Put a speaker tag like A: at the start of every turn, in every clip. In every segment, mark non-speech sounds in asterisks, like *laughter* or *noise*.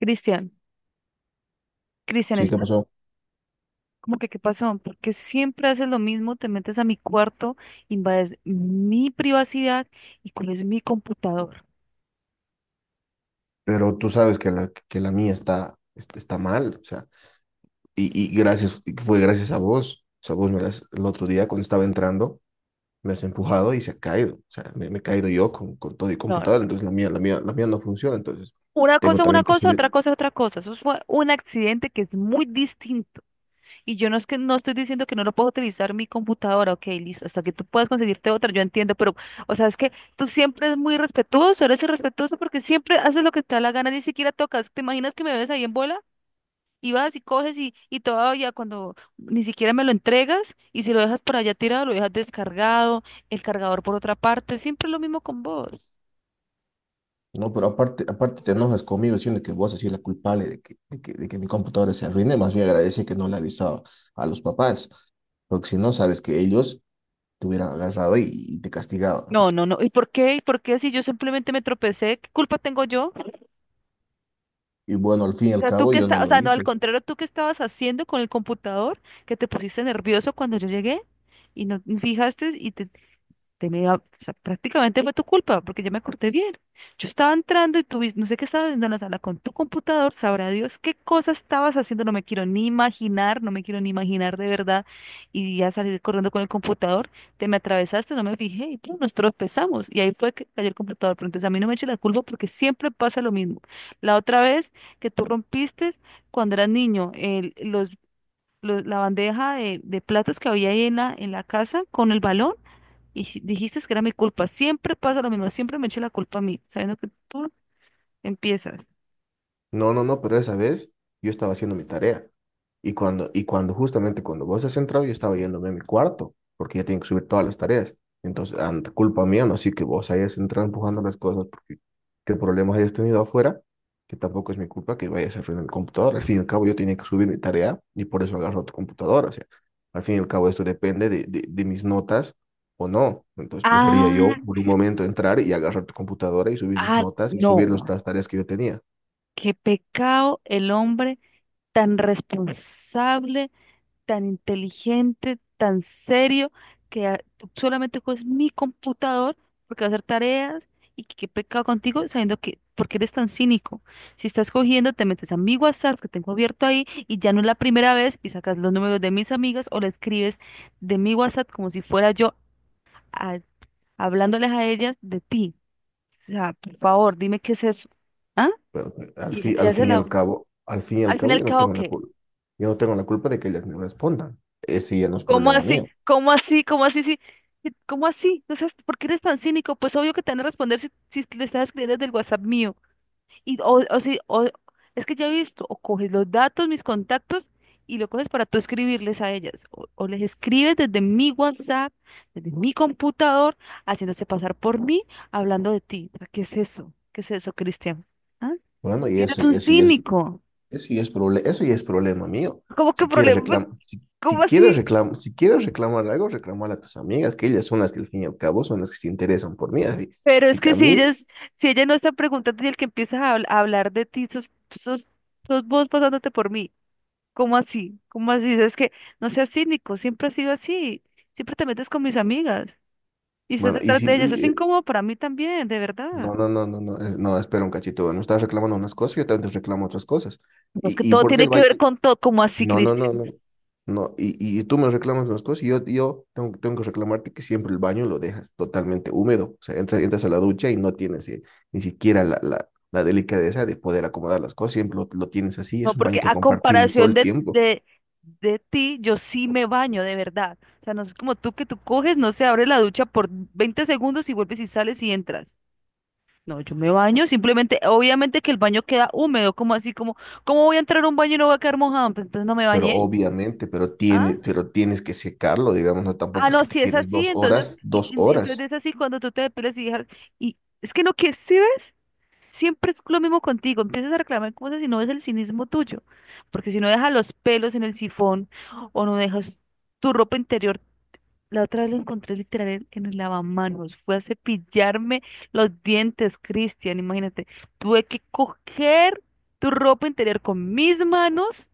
A: Cristian, Cristian
B: Sí, ¿qué
A: está
B: pasó?
A: como que qué pasó, porque siempre haces lo mismo, te metes a mi cuarto, invades mi privacidad y cuál mi computador.
B: Pero tú sabes que la mía está, está mal, o sea, y gracias, y fue gracias a vos, o sea, vos me la el otro día cuando estaba entrando, me has empujado y se ha caído, o sea, me he caído yo con todo y
A: No, no,
B: computador,
A: no.
B: entonces la mía no funciona, entonces
A: Una
B: tengo
A: cosa es una
B: también que
A: cosa,
B: subir,
A: otra cosa es otra cosa. Eso fue un accidente que es muy distinto. Y yo no es que no estoy diciendo que no lo puedo utilizar mi computadora, ok, listo, hasta que tú puedas conseguirte otra, yo entiendo, pero, o sea, es que tú siempre eres muy respetuoso, eres irrespetuoso porque siempre haces lo que te da la gana, ni siquiera tocas. ¿Te imaginas que me ves ahí en bola? Y vas y coges y todavía cuando ni siquiera me lo entregas y si lo dejas por allá tirado, lo dejas descargado, el cargador por otra parte, siempre lo mismo con vos.
B: no, pero aparte te enojas conmigo diciendo que vos has sido la culpable de que mi computadora se arruine, más bien agradece que no le avisaba a los papás, porque si no, sabes que ellos te hubieran agarrado y te castigado.
A: No, no, no. ¿Y por qué? ¿Y por qué si yo simplemente me tropecé? ¿Qué culpa tengo yo?
B: Y bueno, al fin y
A: O
B: al
A: sea, tú
B: cabo
A: que
B: yo no
A: estás, o
B: lo
A: sea, no, al
B: hice.
A: contrario, tú que estabas haciendo con el computador, que te pusiste nervioso cuando yo llegué y no fijaste y te de media, o sea, prácticamente fue tu culpa, porque yo me corté bien. Yo estaba entrando y tú, no sé qué estabas haciendo en la sala con tu computador, sabrá Dios qué cosa estabas haciendo, no me quiero ni imaginar, no me quiero ni imaginar de verdad. Y ya salir corriendo con el computador, te me atravesaste, no me fijé y nosotros nos tropezamos. Y ahí fue que cayó el computador, pero entonces a mí no me eche la culpa porque siempre pasa lo mismo. La otra vez que tú rompiste cuando eras niño, la bandeja de platos que había ahí en la casa con el balón. Y dijiste que era mi culpa. Siempre pasa lo mismo, siempre me eché la culpa a mí, sabiendo que tú empiezas.
B: No, no, no, pero esa vez yo estaba haciendo mi tarea. Y cuando justamente cuando vos has entrado, yo estaba yéndome a mi cuarto, porque ya tengo que subir todas las tareas. Entonces, ante culpa mía, no así que vos hayas entrado empujando las cosas, porque qué problemas hayas tenido afuera, que tampoco es mi culpa que vayas a arruinar mi computadora. Al fin y al cabo, yo tenía que subir mi tarea y por eso agarro tu computadora. O sea, al fin y al cabo, esto depende de mis notas o no. Entonces, prefería yo
A: Ah,
B: por un momento entrar y agarrar tu computadora y subir mis
A: ah,
B: notas y subir las
A: no.
B: tareas que yo tenía.
A: Qué pecado el hombre tan responsable, tan inteligente, tan serio, que tú solamente coges mi computador porque va a hacer tareas y qué pecado contigo sabiendo que, porque eres tan cínico. Si estás cogiendo, te metes a mi WhatsApp que tengo abierto ahí y ya no es la primera vez y sacas los números de mis amigas o le escribes de mi WhatsApp como si fuera yo a- hablándoles a ellas de ti. O sea, por favor, dime qué es eso. ¿Ah?
B: Pero
A: Y si te hace la...
B: al fin y al
A: Al
B: cabo,
A: final,
B: yo
A: ¿qué
B: no
A: hago
B: tengo la
A: qué?
B: culpa. Yo no tengo la culpa de que ellas me respondan. Ese ya no es
A: ¿Cómo
B: problema
A: así?
B: mío.
A: ¿Cómo así? ¿Cómo así? Sí, sí, ¿cómo así? No seas- ¿por qué eres tan cínico? Pues obvio que te van a responder si, si le estás escribiendo desde el WhatsApp mío. Y, o si, o, es que ya he visto, o coges los datos, mis contactos, y lo coges para tú escribirles a ellas. O les escribes desde mi WhatsApp, desde mi computador, haciéndose pasar por mí, hablando de ti. O sea, ¿qué es eso? ¿Qué es eso, Cristian? ¿Ah?
B: Bueno, y
A: Eres un *laughs* cínico.
B: eso ya es problema mío.
A: ¿Cómo que problema? *laughs* ¿Cómo así?
B: Si quieres reclamar algo, reclamar a tus amigas, que ellas son las que al fin y al cabo son las que se interesan por mí. Así,
A: Pero
B: así
A: es
B: que
A: que
B: a
A: si
B: mí,
A: ella, si ella no está preguntando y el que empieza a, a hablar de ti, sos, sos, sos vos pasándote por mí. ¿Cómo así? ¿Cómo así? Es que no seas cínico, siempre ha sido así. Siempre te metes con mis amigas y estás
B: bueno,
A: detrás de ellas. Eso es incómodo para mí también, de verdad.
B: no, espera un cachito, no estás reclamando unas cosas, yo también te reclamo otras cosas.
A: No, es que
B: Y
A: todo
B: por qué
A: tiene
B: el,
A: que
B: va-
A: ver con todo, como así,
B: No, no,
A: Cristian.
B: no, no. No, y tú me reclamas unas cosas y yo, tengo que reclamarte que siempre el baño lo dejas totalmente húmedo. O sea, entras a la ducha y no tienes ni siquiera la delicadeza de poder acomodar las cosas. Siempre lo tienes así.
A: No,
B: Es un
A: porque
B: baño que
A: a
B: compartimos todo
A: comparación
B: el
A: de,
B: tiempo.
A: de, de ti, yo sí me baño, de verdad. O sea, no es como tú que tú coges, no se abre la ducha por 20 segundos y vuelves y sales y entras. No, yo me baño, simplemente, obviamente que el baño queda húmedo, como así, como, ¿cómo voy a entrar a un baño y no voy a quedar mojado? Pues entonces no me
B: Pero
A: bañé.
B: obviamente,
A: Ah,
B: pero tienes que secarlo, digamos, no
A: ah,
B: tampoco es
A: no,
B: que te
A: si es
B: quedes
A: así, entonces,
B: dos
A: entonces
B: horas.
A: es así cuando tú te depilas y dejas, y es que no, ¿que si ves? Siempre es lo mismo contigo, empiezas a reclamar cosas y no ves el cinismo tuyo, porque si no dejas los pelos en el sifón o no dejas tu ropa interior. La otra vez lo encontré literal en el lavamanos. Fue a cepillarme los dientes, Cristian. Imagínate, tuve que coger tu ropa interior con mis manos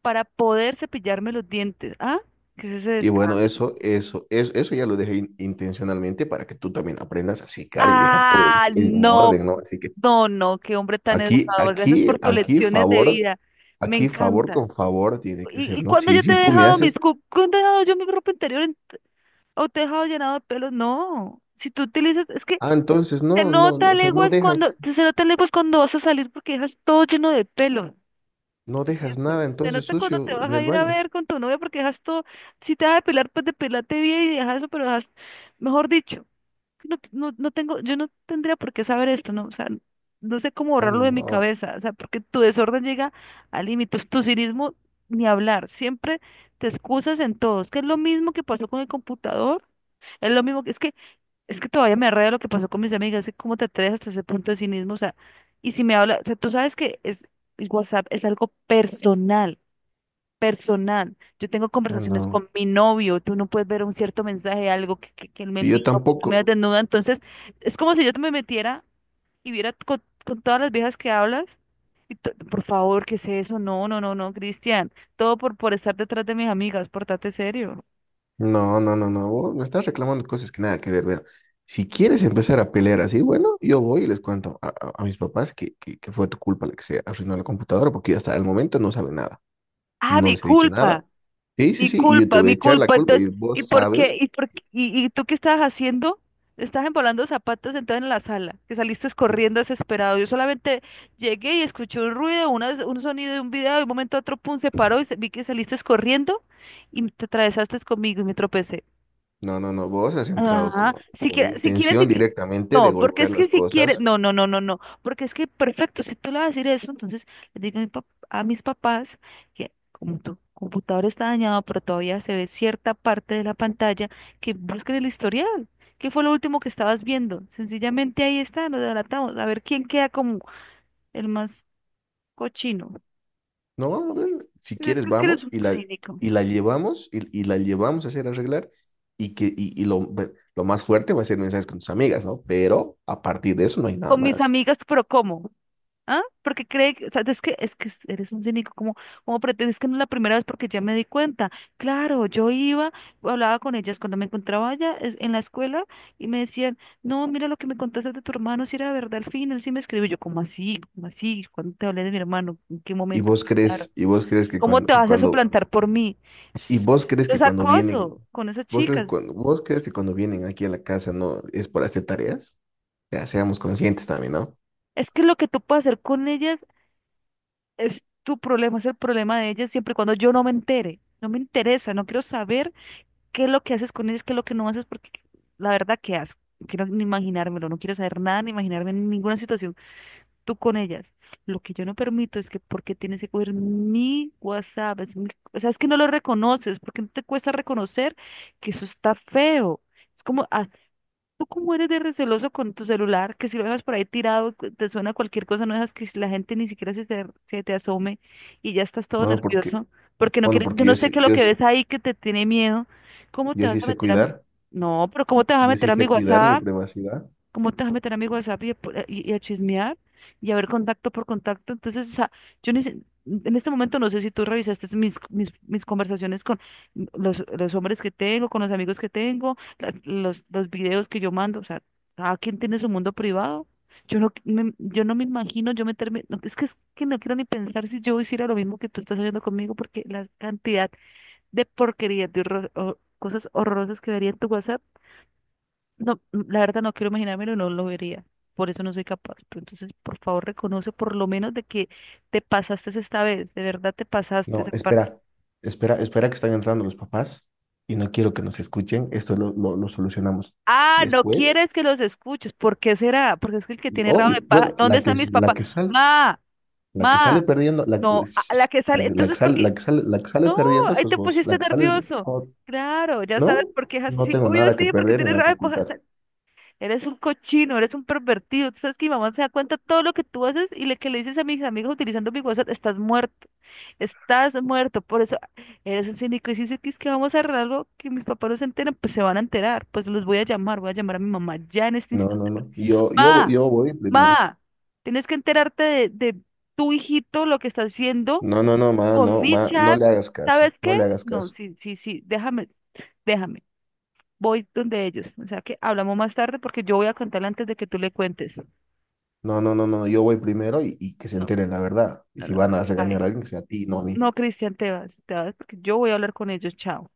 A: para poder cepillarme los dientes. ¿Ah? ¿Qué es ese
B: Y
A: descaro?
B: bueno, eso ya lo dejé intencionalmente para que tú también aprendas a secar y dejar todo
A: Ah,
B: en orden,
A: no,
B: ¿no? Así que
A: no, no, qué hombre tan
B: aquí,
A: educador. Gracias por tus lecciones de vida. Me
B: aquí favor
A: encanta.
B: con favor tiene que ser,
A: Y
B: ¿no?
A: cuándo
B: Si,
A: yo te
B: si
A: he
B: tú me
A: dejado mis
B: haces,
A: ¿Cuándo he dejado yo mi ropa interior o te he dejado llenado de pelos? No. Si tú utilizas, es que
B: ah, entonces
A: se
B: no, no, no,
A: nota
B: o sea, no
A: leguas cuando,
B: dejas,
A: se nota leguas cuando vas a salir porque dejas todo lleno de pelo.
B: no
A: ¿Qué es
B: dejas
A: eso?
B: nada
A: Se
B: entonces
A: nota cuando te
B: sucio
A: vas
B: en
A: a
B: el
A: ir a
B: baño.
A: ver con tu novia porque dejas todo, si te vas a depilar, pues depilate bien y dejas eso, pero dejas, mejor dicho, no, no, no tengo, yo no tendría por qué saber esto, ¿no? O sea, no sé cómo
B: Ah,
A: borrarlo de mi
B: no,
A: cabeza, o sea, porque tu desorden llega a límites, tu cinismo ni hablar, siempre te excusas en todo, es que es lo mismo que pasó con el computador, es lo mismo, que es que es que todavía me arrea lo que pasó con mis amigas, es que cómo te atreves hasta ese punto de cinismo, o sea, y si me habla, o sea, tú sabes que es, el WhatsApp es algo personal, personal. Yo tengo
B: ah,
A: conversaciones
B: no.
A: con mi novio, tú no puedes ver un cierto mensaje, algo que él me
B: Y yo
A: envió, que tú me
B: tampoco.
A: das desnuda, entonces es como si yo te me metiera y viera con todas las viejas que hablas, y por favor, ¿qué es eso? No, no, no, no, Cristian, todo por estar detrás de mis amigas, portate serio.
B: No, no, no, no. Vos me estás reclamando cosas que nada que ver, vea. Si quieres empezar a pelear así, bueno, yo voy y les cuento a, a mis papás que fue tu culpa la que se arruinó la computadora, porque hasta el momento no saben nada.
A: Ah,
B: No
A: mi
B: les he dicho nada.
A: culpa.
B: Sí, sí,
A: Mi
B: sí, y yo te
A: culpa,
B: voy a
A: mi
B: echar la
A: culpa.
B: culpa y
A: Entonces, ¿y
B: vos
A: por qué?
B: sabes.
A: ¿Y por qué? Y tú qué estabas haciendo? Estabas embolando zapatos entonces en la sala, que saliste corriendo desesperado. Yo solamente llegué y escuché un ruido, un sonido de un video, de un momento a otro, pum, se paró y vi que saliste corriendo y te atravesaste conmigo y me tropecé.
B: No, no, no, vos has entrado
A: Ajá, si
B: con
A: quieres, si quieres,
B: intención directamente de
A: no, porque
B: golpear
A: es que
B: las
A: si quieres,
B: cosas.
A: no, no, no, no, no, porque es que perfecto, si tú le vas a decir eso, entonces le digo a, a mis papás que como tu computador está dañado, pero todavía se ve cierta parte de la pantalla, que busquen el historial, qué fue lo último que estabas viendo, sencillamente ahí está, lo delatamos, a ver quién queda como el más cochino,
B: No, a ver, si
A: pero
B: quieres
A: es que eres
B: vamos
A: un cínico,
B: y la llevamos a hacer arreglar y que y, y lo, lo más fuerte va a ser mensajes con tus amigas, ¿no? Pero a partir de eso no hay nada
A: con mis
B: más.
A: amigas, pero ¿cómo? ¿Ah? Porque cree que, o sea, es que eres un cínico, como, como pretendes que no es la primera vez porque ya me di cuenta. Claro, yo iba, hablaba con ellas cuando me encontraba allá en la escuela y me decían, no, mira lo que me contaste de tu hermano, si era verdad al fin, él sí me escribió. Yo, ¿cómo así? ¿Cómo así? ¿Cuándo te hablé de mi hermano? ¿En qué momento? Claro.
B: Y vos crees
A: ¿Cómo te
B: que
A: vas a
B: cuando,
A: suplantar por mí?
B: y vos
A: *laughs*
B: crees
A: Es
B: que cuando vienen,
A: acoso con esas chicas.
B: vos crees que cuando vienen aquí a la casa no es por hacer tareas. Ya, seamos conscientes también, ¿no?
A: Es que lo que tú puedes hacer con ellas es tu problema, es el problema de ellas siempre y cuando yo no me entere. No me interesa, no quiero saber qué es lo que haces con ellos, qué es lo que no haces, porque la verdad, ¿qué haces? No quiero ni imaginármelo, no quiero saber nada, ni imaginarme en ninguna situación tú con ellas. Lo que yo no permito es que porque tienes que coger mi WhatsApp, es o sea, es que no lo reconoces, porque no te cuesta reconocer que eso está feo. Es como ¿tú cómo eres de receloso con tu celular? Que si lo dejas por ahí tirado, te suena cualquier cosa, no dejas que la gente ni siquiera se te asome y ya estás todo
B: Bueno, porque,
A: nervioso, porque no
B: bueno,
A: quieres, yo
B: porque
A: no
B: yo,
A: sé
B: sí-
A: qué es lo
B: yo,
A: que
B: sí-
A: ves ahí que te tiene miedo. ¿Cómo te
B: yo
A: vas
B: sí
A: a
B: sé
A: meter a mi...
B: cuidar.
A: No, pero ¿cómo te vas a
B: Yo sí
A: meter a mi
B: sé cuidar mi
A: WhatsApp?
B: privacidad.
A: ¿Cómo te vas a meter a mi WhatsApp y a, y a chismear y a ver contacto por contacto? Entonces, o sea, yo ni sé- en este momento no sé si tú revisaste mis conversaciones con los hombres que tengo, con los amigos que tengo, los videos que yo mando. O sea, cada quien tiene su mundo privado. Yo no me imagino yo meterme, no, es que no quiero ni pensar si yo hiciera lo mismo que tú estás haciendo conmigo, porque la cantidad de porquerías, de cosas horrorosas que vería en tu WhatsApp no, mm, la verdad no quiero imaginármelo, no lo vería. Por eso no soy capaz. Pero entonces, por favor, reconoce por lo menos de que te pasaste esta vez. De verdad te pasaste
B: No,
A: esa parte.
B: espera que están entrando los papás y no quiero que nos escuchen. Esto lo solucionamos
A: Ah, no
B: después.
A: quieres que los escuches. ¿Por qué será? Porque es que el que
B: Y
A: tiene rabo
B: obvio,
A: de paja.
B: bueno,
A: ¿Dónde están mis papás? Ma,
B: la que sale
A: ma.
B: perdiendo, la, que-
A: No, a la que
B: la,
A: sale.
B: que la que
A: Entonces, ¿por
B: sale,
A: qué?
B: la que sale
A: No,
B: perdiendo
A: ahí
B: sos
A: te
B: vos.
A: pusiste
B: La que sale,
A: nervioso.
B: oh,
A: Claro, ya sabes
B: no,
A: por qué es así.
B: no
A: Sí,
B: tengo
A: obvio
B: nada que
A: sí, porque
B: perder ni
A: tienes
B: nada
A: rabo
B: que
A: de paja.
B: ocultar.
A: Eres un cochino, eres un pervertido. Tú sabes que mi mamá se da cuenta de todo lo que tú haces y le que le dices a mis amigos utilizando mi WhatsApp, estás muerto, estás muerto. Por eso eres un cínico. Y si dices que es que vamos a arreglar algo que mis papás no se enteran, pues se van a enterar. Pues los voy a llamar a mi mamá ya en este
B: No,
A: instante.
B: no, no.
A: Ma,
B: Yo voy primero.
A: ma, tienes que enterarte de tu hijito, lo que está haciendo
B: No, no, no, ma, no,
A: con mi
B: ma, no
A: chat.
B: le hagas caso,
A: ¿Sabes
B: no
A: qué?
B: le hagas
A: No,
B: caso.
A: sí, sí, sí, déjame, déjame voy donde ellos. O sea que hablamos más tarde porque yo voy a contarle antes de que tú le cuentes.
B: No, no, no, no, yo voy primero y que se
A: No,
B: enteren la verdad. Y
A: no,
B: si
A: no, no,
B: van
A: no.
B: a regañar
A: Bye.
B: a alguien, que sea a ti, no a mí.
A: No, Cristian, te vas porque yo voy a hablar con ellos. Chao.